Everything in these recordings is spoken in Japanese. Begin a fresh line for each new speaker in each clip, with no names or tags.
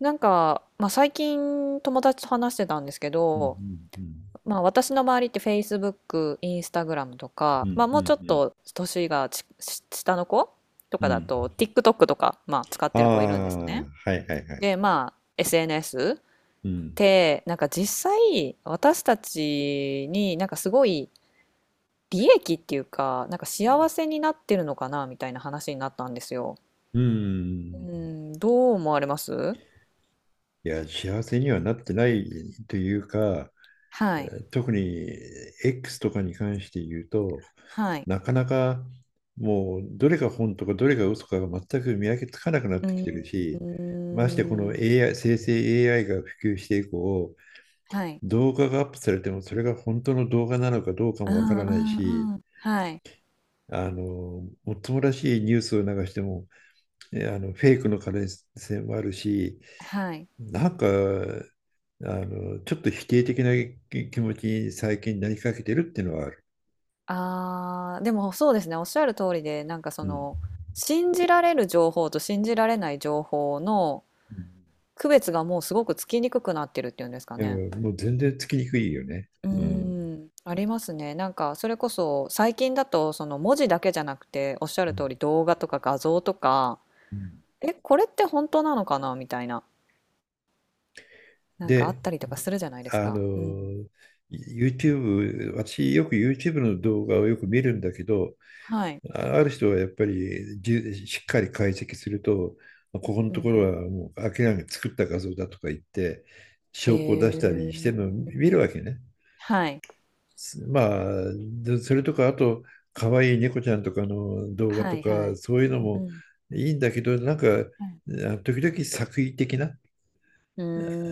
最近友達と話してたんですけ
うん
ど、
うん
私の周りって Facebook、Instagram と
う
か、
んう
も
ん
うちょっ
うん
と年がちし下の子と
うん
か
う
だ
ん。
と TikTok とか、使っ
あ
て
あ
る子いるんですね。
ー、はいはいはい。
で、SNS っ
うん。
てなんか実際私たちになんかすごい利益っていうか、なんか幸せになってるのかなみたいな話になったんですよ。
う
う
ん。
ん、どう思われます？
いや、幸せにはなってないというか、
はい。
特に X とかに関して言うと、
はい。
なかなかもうどれが本とかどれが嘘かが全く見分けつかなくなっ
う
てきてる
ー
し、ましてこの
ん。
AI、生成 AI が普及して以降、
はい。
動画がアップされてもそれが本当の動画なのかどうか
う
もわか
ん
らない
う
し、
んうん。はい。
もっともらしいニュースを流しても、えあの、フェイクの可能性もあるし、
はい。
なんか、ちょっと否定的な気持ちに最近なりかけてるっていうのはある。
ああ、でもそうですね、おっしゃる通りで、なんかそ
うん。
の、信じられる情報と信じられない情報の
うん。
区別がもうすごくつきにくくなってるっていうんですか
いや、
ね。
もう全然つきにくいよね。
う
うん。
ーん、ありますね。なんかそれこそ最近だとその文字だけじゃなくておっしゃ
う
る
ん
通り動画とか画像とか、
うん。
え、これって本当なのかなみたいな、なんかあ
で、
ったりとかするじゃないです
あ
か。うん。
の、YouTube、私よく YouTube の動画をよく見るんだけど、
はい。
ある人はやっぱりしっかり解析すると、ここの
う
とこ
んうん。
ろはもう明らかに作った画像だとか言って、
へ
証拠を出したり
え。
してるのを見るわけね。
はい。
まあ、それとか、あと、可愛いい猫ちゃんとかの動画
は
と
いは
か、
い。
そういうの
うん
も
うん。
いいんだけど、なんか、
はい。
時々作為的な、
うー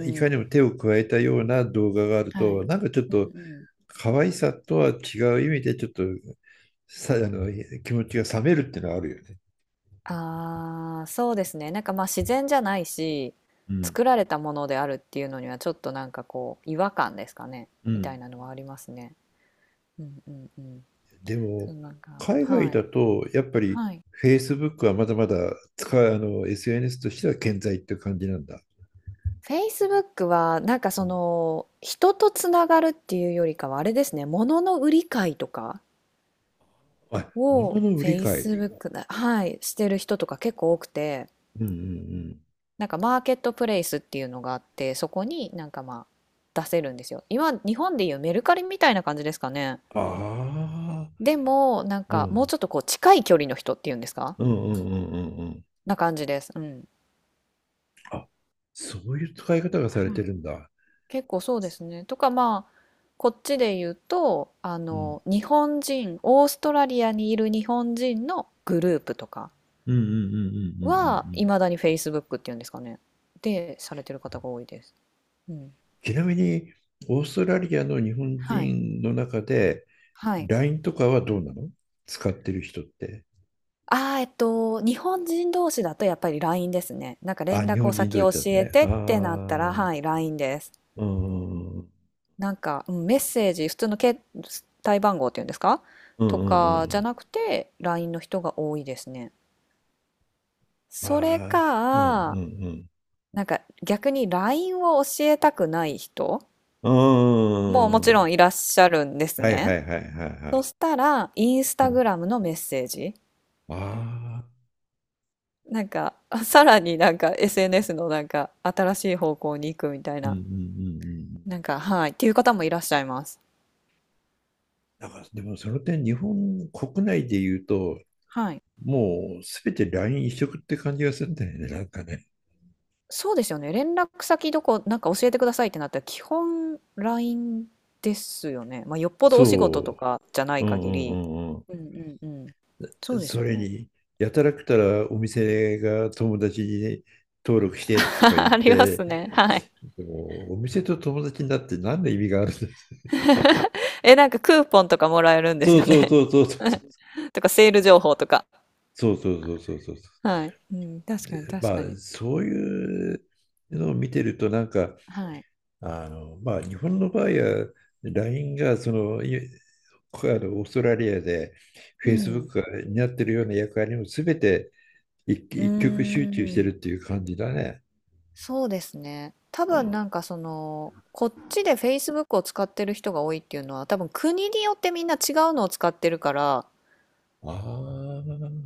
いかにも
ん。
手を加えたような動画がある
は
と、
い。
なんかちょっ
う
と
んうん。
可愛さとは違う意味で、ちょっとさあの気持ちが冷めるっていうのはあるよね。
ああ、そうですね。なんか、ま、自然じゃないし、
うん
作られたものであるっていうのにはちょっとなんかこう違和感ですかね、
う
みた
ん。
いなのはありますね。うんうんうん。
で
そ
も、
う、なんか
海外
は
だ
い。
と、やっぱり
はい。
Facebook はまだまだ使う、SNS としては健在って感じなんだ。
Facebook はなんか
う
そ
ん、
の、人とつながるっていうよりかはあれですね、物の売り買いとか？
あ、物
を
の売り買い。
Facebook だ、はい、してる人とか結構多くて、
うんうんうん。
なんかマーケットプレイスっていうのがあって、そこになんか出せるんですよ。今、日本でいうメルカリみたいな感じですかね。
ああ、
でも、なん
う
かもう
ん。
ちょっとこう近い距離の人っていうんですか
うんうんうんうんうん。
な感じです。うん。
あ、そういう使い方がされ
は
て
い。
るんだ。
結構そうですね。とかこっちで言うと、
うん。
日本人、オーストラリアにいる日本人のグループとか
うんうんうんうんうんう
は、
んうん。
いまだに Facebook っていうんですかね。で、されてる方が多いです。うん。
ちなみに、オーストラリアの日本
はい。
人の中で、
はい。
LINE とかはどうなの、使ってる人って？
ああ、日本人同士だとやっぱり LINE ですね。なんか
あ、
連
日
絡を
本人
先
同士
教
だと
え
ね。
て
あ
ってなったら、は
あ、
い、LINE です。
うんうんうん。
なんか、うん、メッセージ、普通の携帯番号っていうんですか
う
と
んう
かじゃ
ん。
なくて、LINE の人が多いですね。それ
まあ、うんう
か、
んうん。
なんか逆に LINE を教えたくない人
う
もも
ー
ちろ
ん。
んいらっしゃるんです
はいは
ね。
いはいはいは
そ
い。
したら、インス
う
タ
ん。
グラムのメッセージ。
ああ、
なんか、あさらになんか SNS のなんか新しい方向に行くみたい
うんう
な、
んうんうん。
なんか、はい、っていう方もいらっしゃいます。
なんから、でもその点、日本国内で言うと、
はい。
もうすべて LINE 一色って感じがするんだよね、なんかね。
そうですよね。連絡先どこ、なんか教えてくださいってなったら、基本 LINE ですよね。まあ、よっぽどお仕事と
そ
かじゃない
う。う
限
んう
り。
んうん
うんうんうん。
う
そ
ん。
うです
そ
よ
れ
ね。
に、やたらくたらお店が友達に登録してとか言っ
ありま
て、
すね。はい。
でも、お店と友達になって何の意味があるんだ？
え、なんかクーポンとかもらえるん です
そう
よ
そう
ね。
そうそう
とか、セール情報とか。
そうそうそうそうそうそう。
はい。うん、確
で
かに確
ま
か
あ、
に。
そういうのを見てると、なんか、
はい。
まあ、日本の場合は、LINE が、その、いあのオーストラリアで、
う
Facebook
ん。
が担ってるような役割も全て一
うー
一極集中してる
ん、
っていう感じだね。
そうですね。多分な
あ
んかその、こっちで Facebook を使ってる人が多いっていうのは、多分国によってみんな違うのを使ってるから、
あ、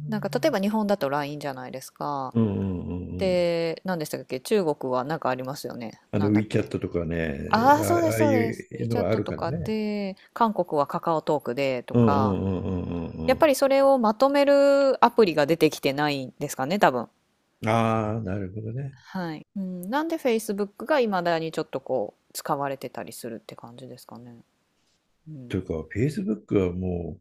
なんか例えば日本だと LINE じゃないですか。
うんうんうんうん。
で、何でしたっけ中国はなんかありますよね。
あ
な
の
んだっけ
WeChat とかね、
ああー、そうで
ああ
す、
あい
そうです。
うの
WeChat
はある
と
から
か
ね。
で、韓国はカカオトークでと
うんう
か、
んうんうん
や
う
っ
ん
ぱりそれをまとめるアプリが出てきてないんですかね、多分。
うん。ああ、なるほどね。
はい。うん、なんで Facebook が未だにちょっとこう使われてたりするって感じですかね。う
とい
ん。
うか、Facebook はも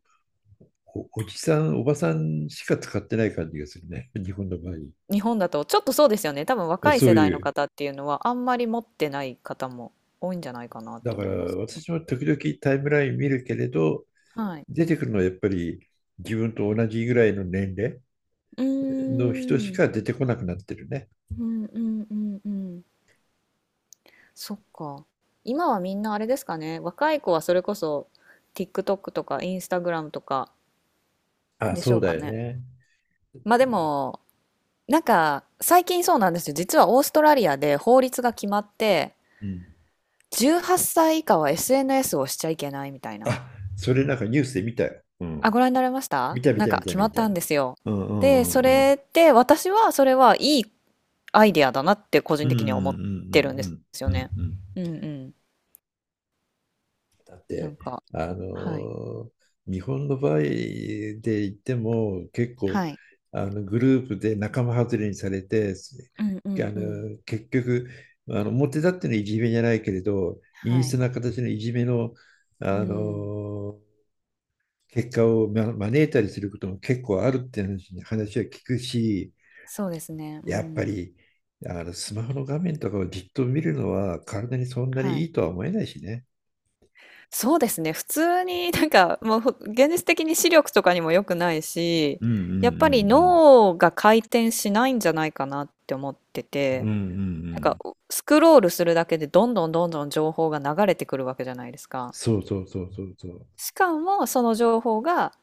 うおじさん、おばさんしか使ってない感じがするね。日本の場合。
日本だとちょっとそうですよね。多分若い
そ
世
う
代
い
の
う。
方っていうのはあんまり持ってない方も多いんじゃないかなっ
だ
て
から、
思いますけど。
私も時々タイムライン見るけれど、
はい。
出てくるのはやっぱり自分と同じぐらいの年齢
う
の人
ー
し
ん。
か出てこなくなってるね。
うんうんうんうん。そっか。今はみんなあれですかね。若い子はそれこそ TikTok とか Instagram とか
あ、
でし
そ
ょ
う
う
だ
か
よ
ね。
ね。
まあでも、なんか最近そうなんですよ。実はオーストラリアで法律が決まって、
うん。
18歳以下は SNS をしちゃいけないみたいな。
あ、それなんかニュースで見たよ。う
あ、
ん。
ご覧になれました
見た見
なん
た
か
見た
決ま
見
っ
た。
たんですよ。
うんうん
で、
う
そ
んうん。
れで私はそれはいいアイデアだなって個
う
人
んうんう
的には思ってるんです
ん
よ
うんうん
ね。
うんうん。
うんうん。
だっ
なん
て、
か、
あ
はい。
の日本の場合で言っても、結構、
はい。
あのグループで仲間外れにされて、
うんうんうん。
結局、あの表立ってのいじめじゃないけれど、陰
は
湿
い。
な形のいじめの、
う
あ
ん。
の結果を招いたりすることも結構あるって話は聞くし、
そうですね。う
やっぱ
ん。
りあのスマホの画面とかをじっと見るのは体にそんな
は
にい
い。
いとは思えないしね。
そうですね。普通になんかもうほ現実的に視力とかにも良くないし、
うんうんうんう
やっぱり
ん
脳が回転しないんじゃないかなって思って
うん
て。
うんう
なんか
ん。
スクロールするだけでどんどんどんどん情報が流れてくるわけじゃないですか。
そうそうそうそうそう。
しかもその情報が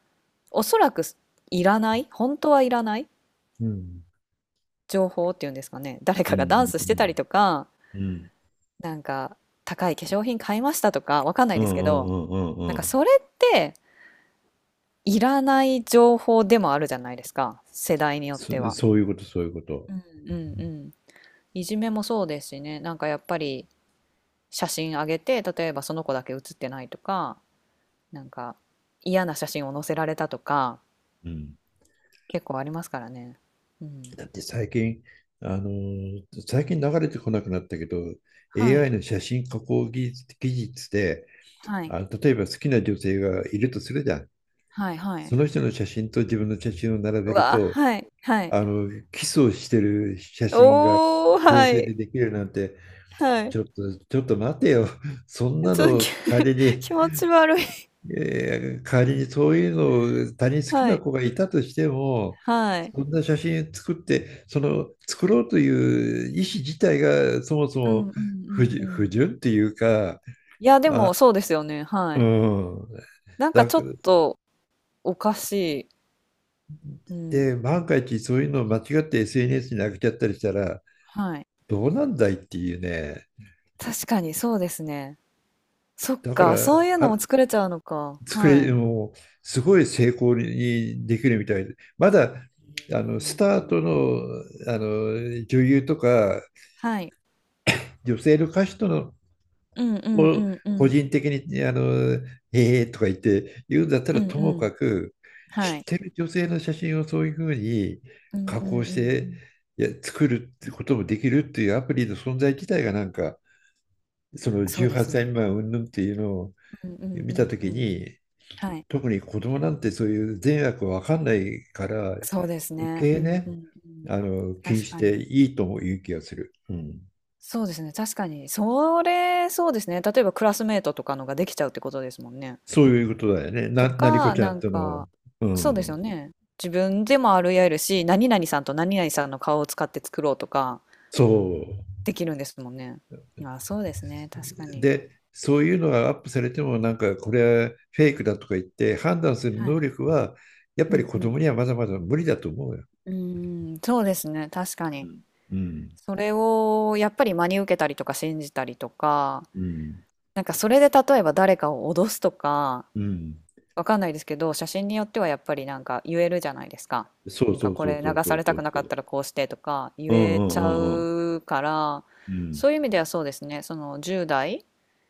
おそらくいらない本当はいらない
うん。
情報っていうんですかね誰
う
か
ん
がダンスし
う
てたり
ん
とか
うん。
なんか高い化粧品買いましたとかわかんな
う
い
んう
ですけど
んうんうんう
な
ん
んか
うん。
それっていらない情報でもあるじゃないですか世代によっては。
そういうこと、そういうこと。
うんうんうんいじめもそうですしねなんかやっぱり写真上げて例えばその子だけ写ってないとかなんか嫌な写真を載せられたとか
うん。
結構ありますからね。うん。
だって最近、最近流れてこなくなったけど、
は
AI
い。
の写真加工技術で、
はい。
あ、例えば好きな女性がいるとするじゃん。
はいは
そ
い。
の人の写真と自分の写真を並
う
べる
わ、
と、
はい、はい。
キスをしてる写真が
おお、
合
は
成で
い、
できるなんて、
はい。
ちょっと、ちょっと待てよ。そんな
ちょっと、き
の仮 に、
気持ち悪い。
えー仮にそういうのを他人好き
は
な
い、
子がいたとしても、
はい。
そんな写真作って、その作ろうという意思自体がそもそ
うん
も
う
不
んうんう
純、不
ん。
純っていうか、
いや、で
あ、
もそうですよね、
う
はい。
ん。
なんか
だ
ちょ
か
っ
ら、
とおかしい。う
で、
ん。
万が一そういうのを間違って SNS に上げちゃったりしたら、
はい。
どうなんだいっていうね。
確かにそうですね。そっ
だか
か、そ
ら、
ういうのも
あ、
作れちゃうのか。はい。
もう、すごい成功にできるみたいで、まだ、スタートの、女優とか、
はい。
女性の歌手との、
うんうんう
を
んう
個
ん。
人的に、ええとか言って言うんだった
う
ら、
ん
とも
うん。
かく、
は
知っ
い。
てる女性の写真をそういうふうに
うん
加
うんう
工
ん
し
う
て、
ん。
いや、作るってこともできるっていうアプリの存在自体がなんか、その
そうで
18
す
歳
ね。
未満云々っていうのを
うんうん
見
う
た
ん
と
う
き
ん。
に、
はい。
特に子供なんてそういう善悪わかんないから
そうです
余
ね。う
計
んう
ね、
んうん。
気に
確
し
か
て
に。
いいとも言う気がする。うん、
そうですね、確かに。それ、そうですね。例えばクラスメートとかのができちゃうってことですもんね。
そういうことだよね。
と
なにこ
か、
ちゃ
な
ん
ん
との。
か、
う
そうですよ
ん。
ね。自分でもあり得るし、何々さんと何々さんの顔を使って作ろうとか
そう。
できるんですもんね。まあ、そうですね、確かに。
で、そういうのがアップされてもなんかこれはフェイクだとか言って判断する
は
能
い。
力はやっ
う
ぱり
ん
子
う
供
ん。
にはまだまだ無理だと思うよ。
うーん、そうですね、確か
う
に。
ん。うん。
それをやっぱり真に受けたりとか信じたりとか、
うん。
なんかそれで例えば誰かを脅すとか、
うん。
わかんないですけど、写真によってはやっぱりなんか言えるじゃないですか。
そ
な
う
んか
そう
こ
そう
れ
そう
流
そ
さ
う
れ
そ
たく
う
な
そ
かっ
う。
たらこうしてとか言
うんう
えちゃ
んうんうん。
うから、
うん。
そういう意味ではそうですね、その10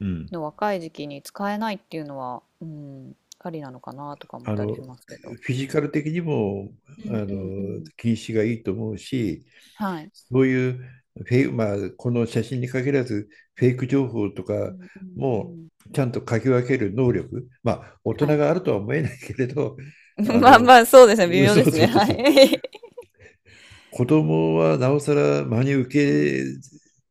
う
代
ん。
の若い時期に使えないっていうのは、うん、ありなのかなとか思っ
あ
たり
の、
しますけど。
フィジカル的にも、
うんうんうん。
禁止がいいと思うし、
はい。
そういうフェイク、まあ、この写真に限らず、フェイク情報と
う
か
んうんう
も
ん。
ちゃんと書き分ける能力、まあ、大人
はい。
があるとは思えないけれど、あ
まあ
の、
まあ、そうですね、微妙
そ
で
う
す
そう
ね。
そう
は
そう、
い。
子供はなおさら真に
うん
受け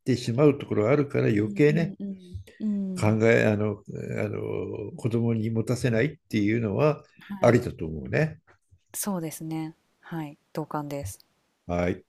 てしまうところがあるから、
う
余
ん
計
う
ね、
んうん。う
考
ん。
え、あの、あの、子供に持たせないっていうのはあ
はい。
りだと思うね。
そうですね。はい。同感です。
はい。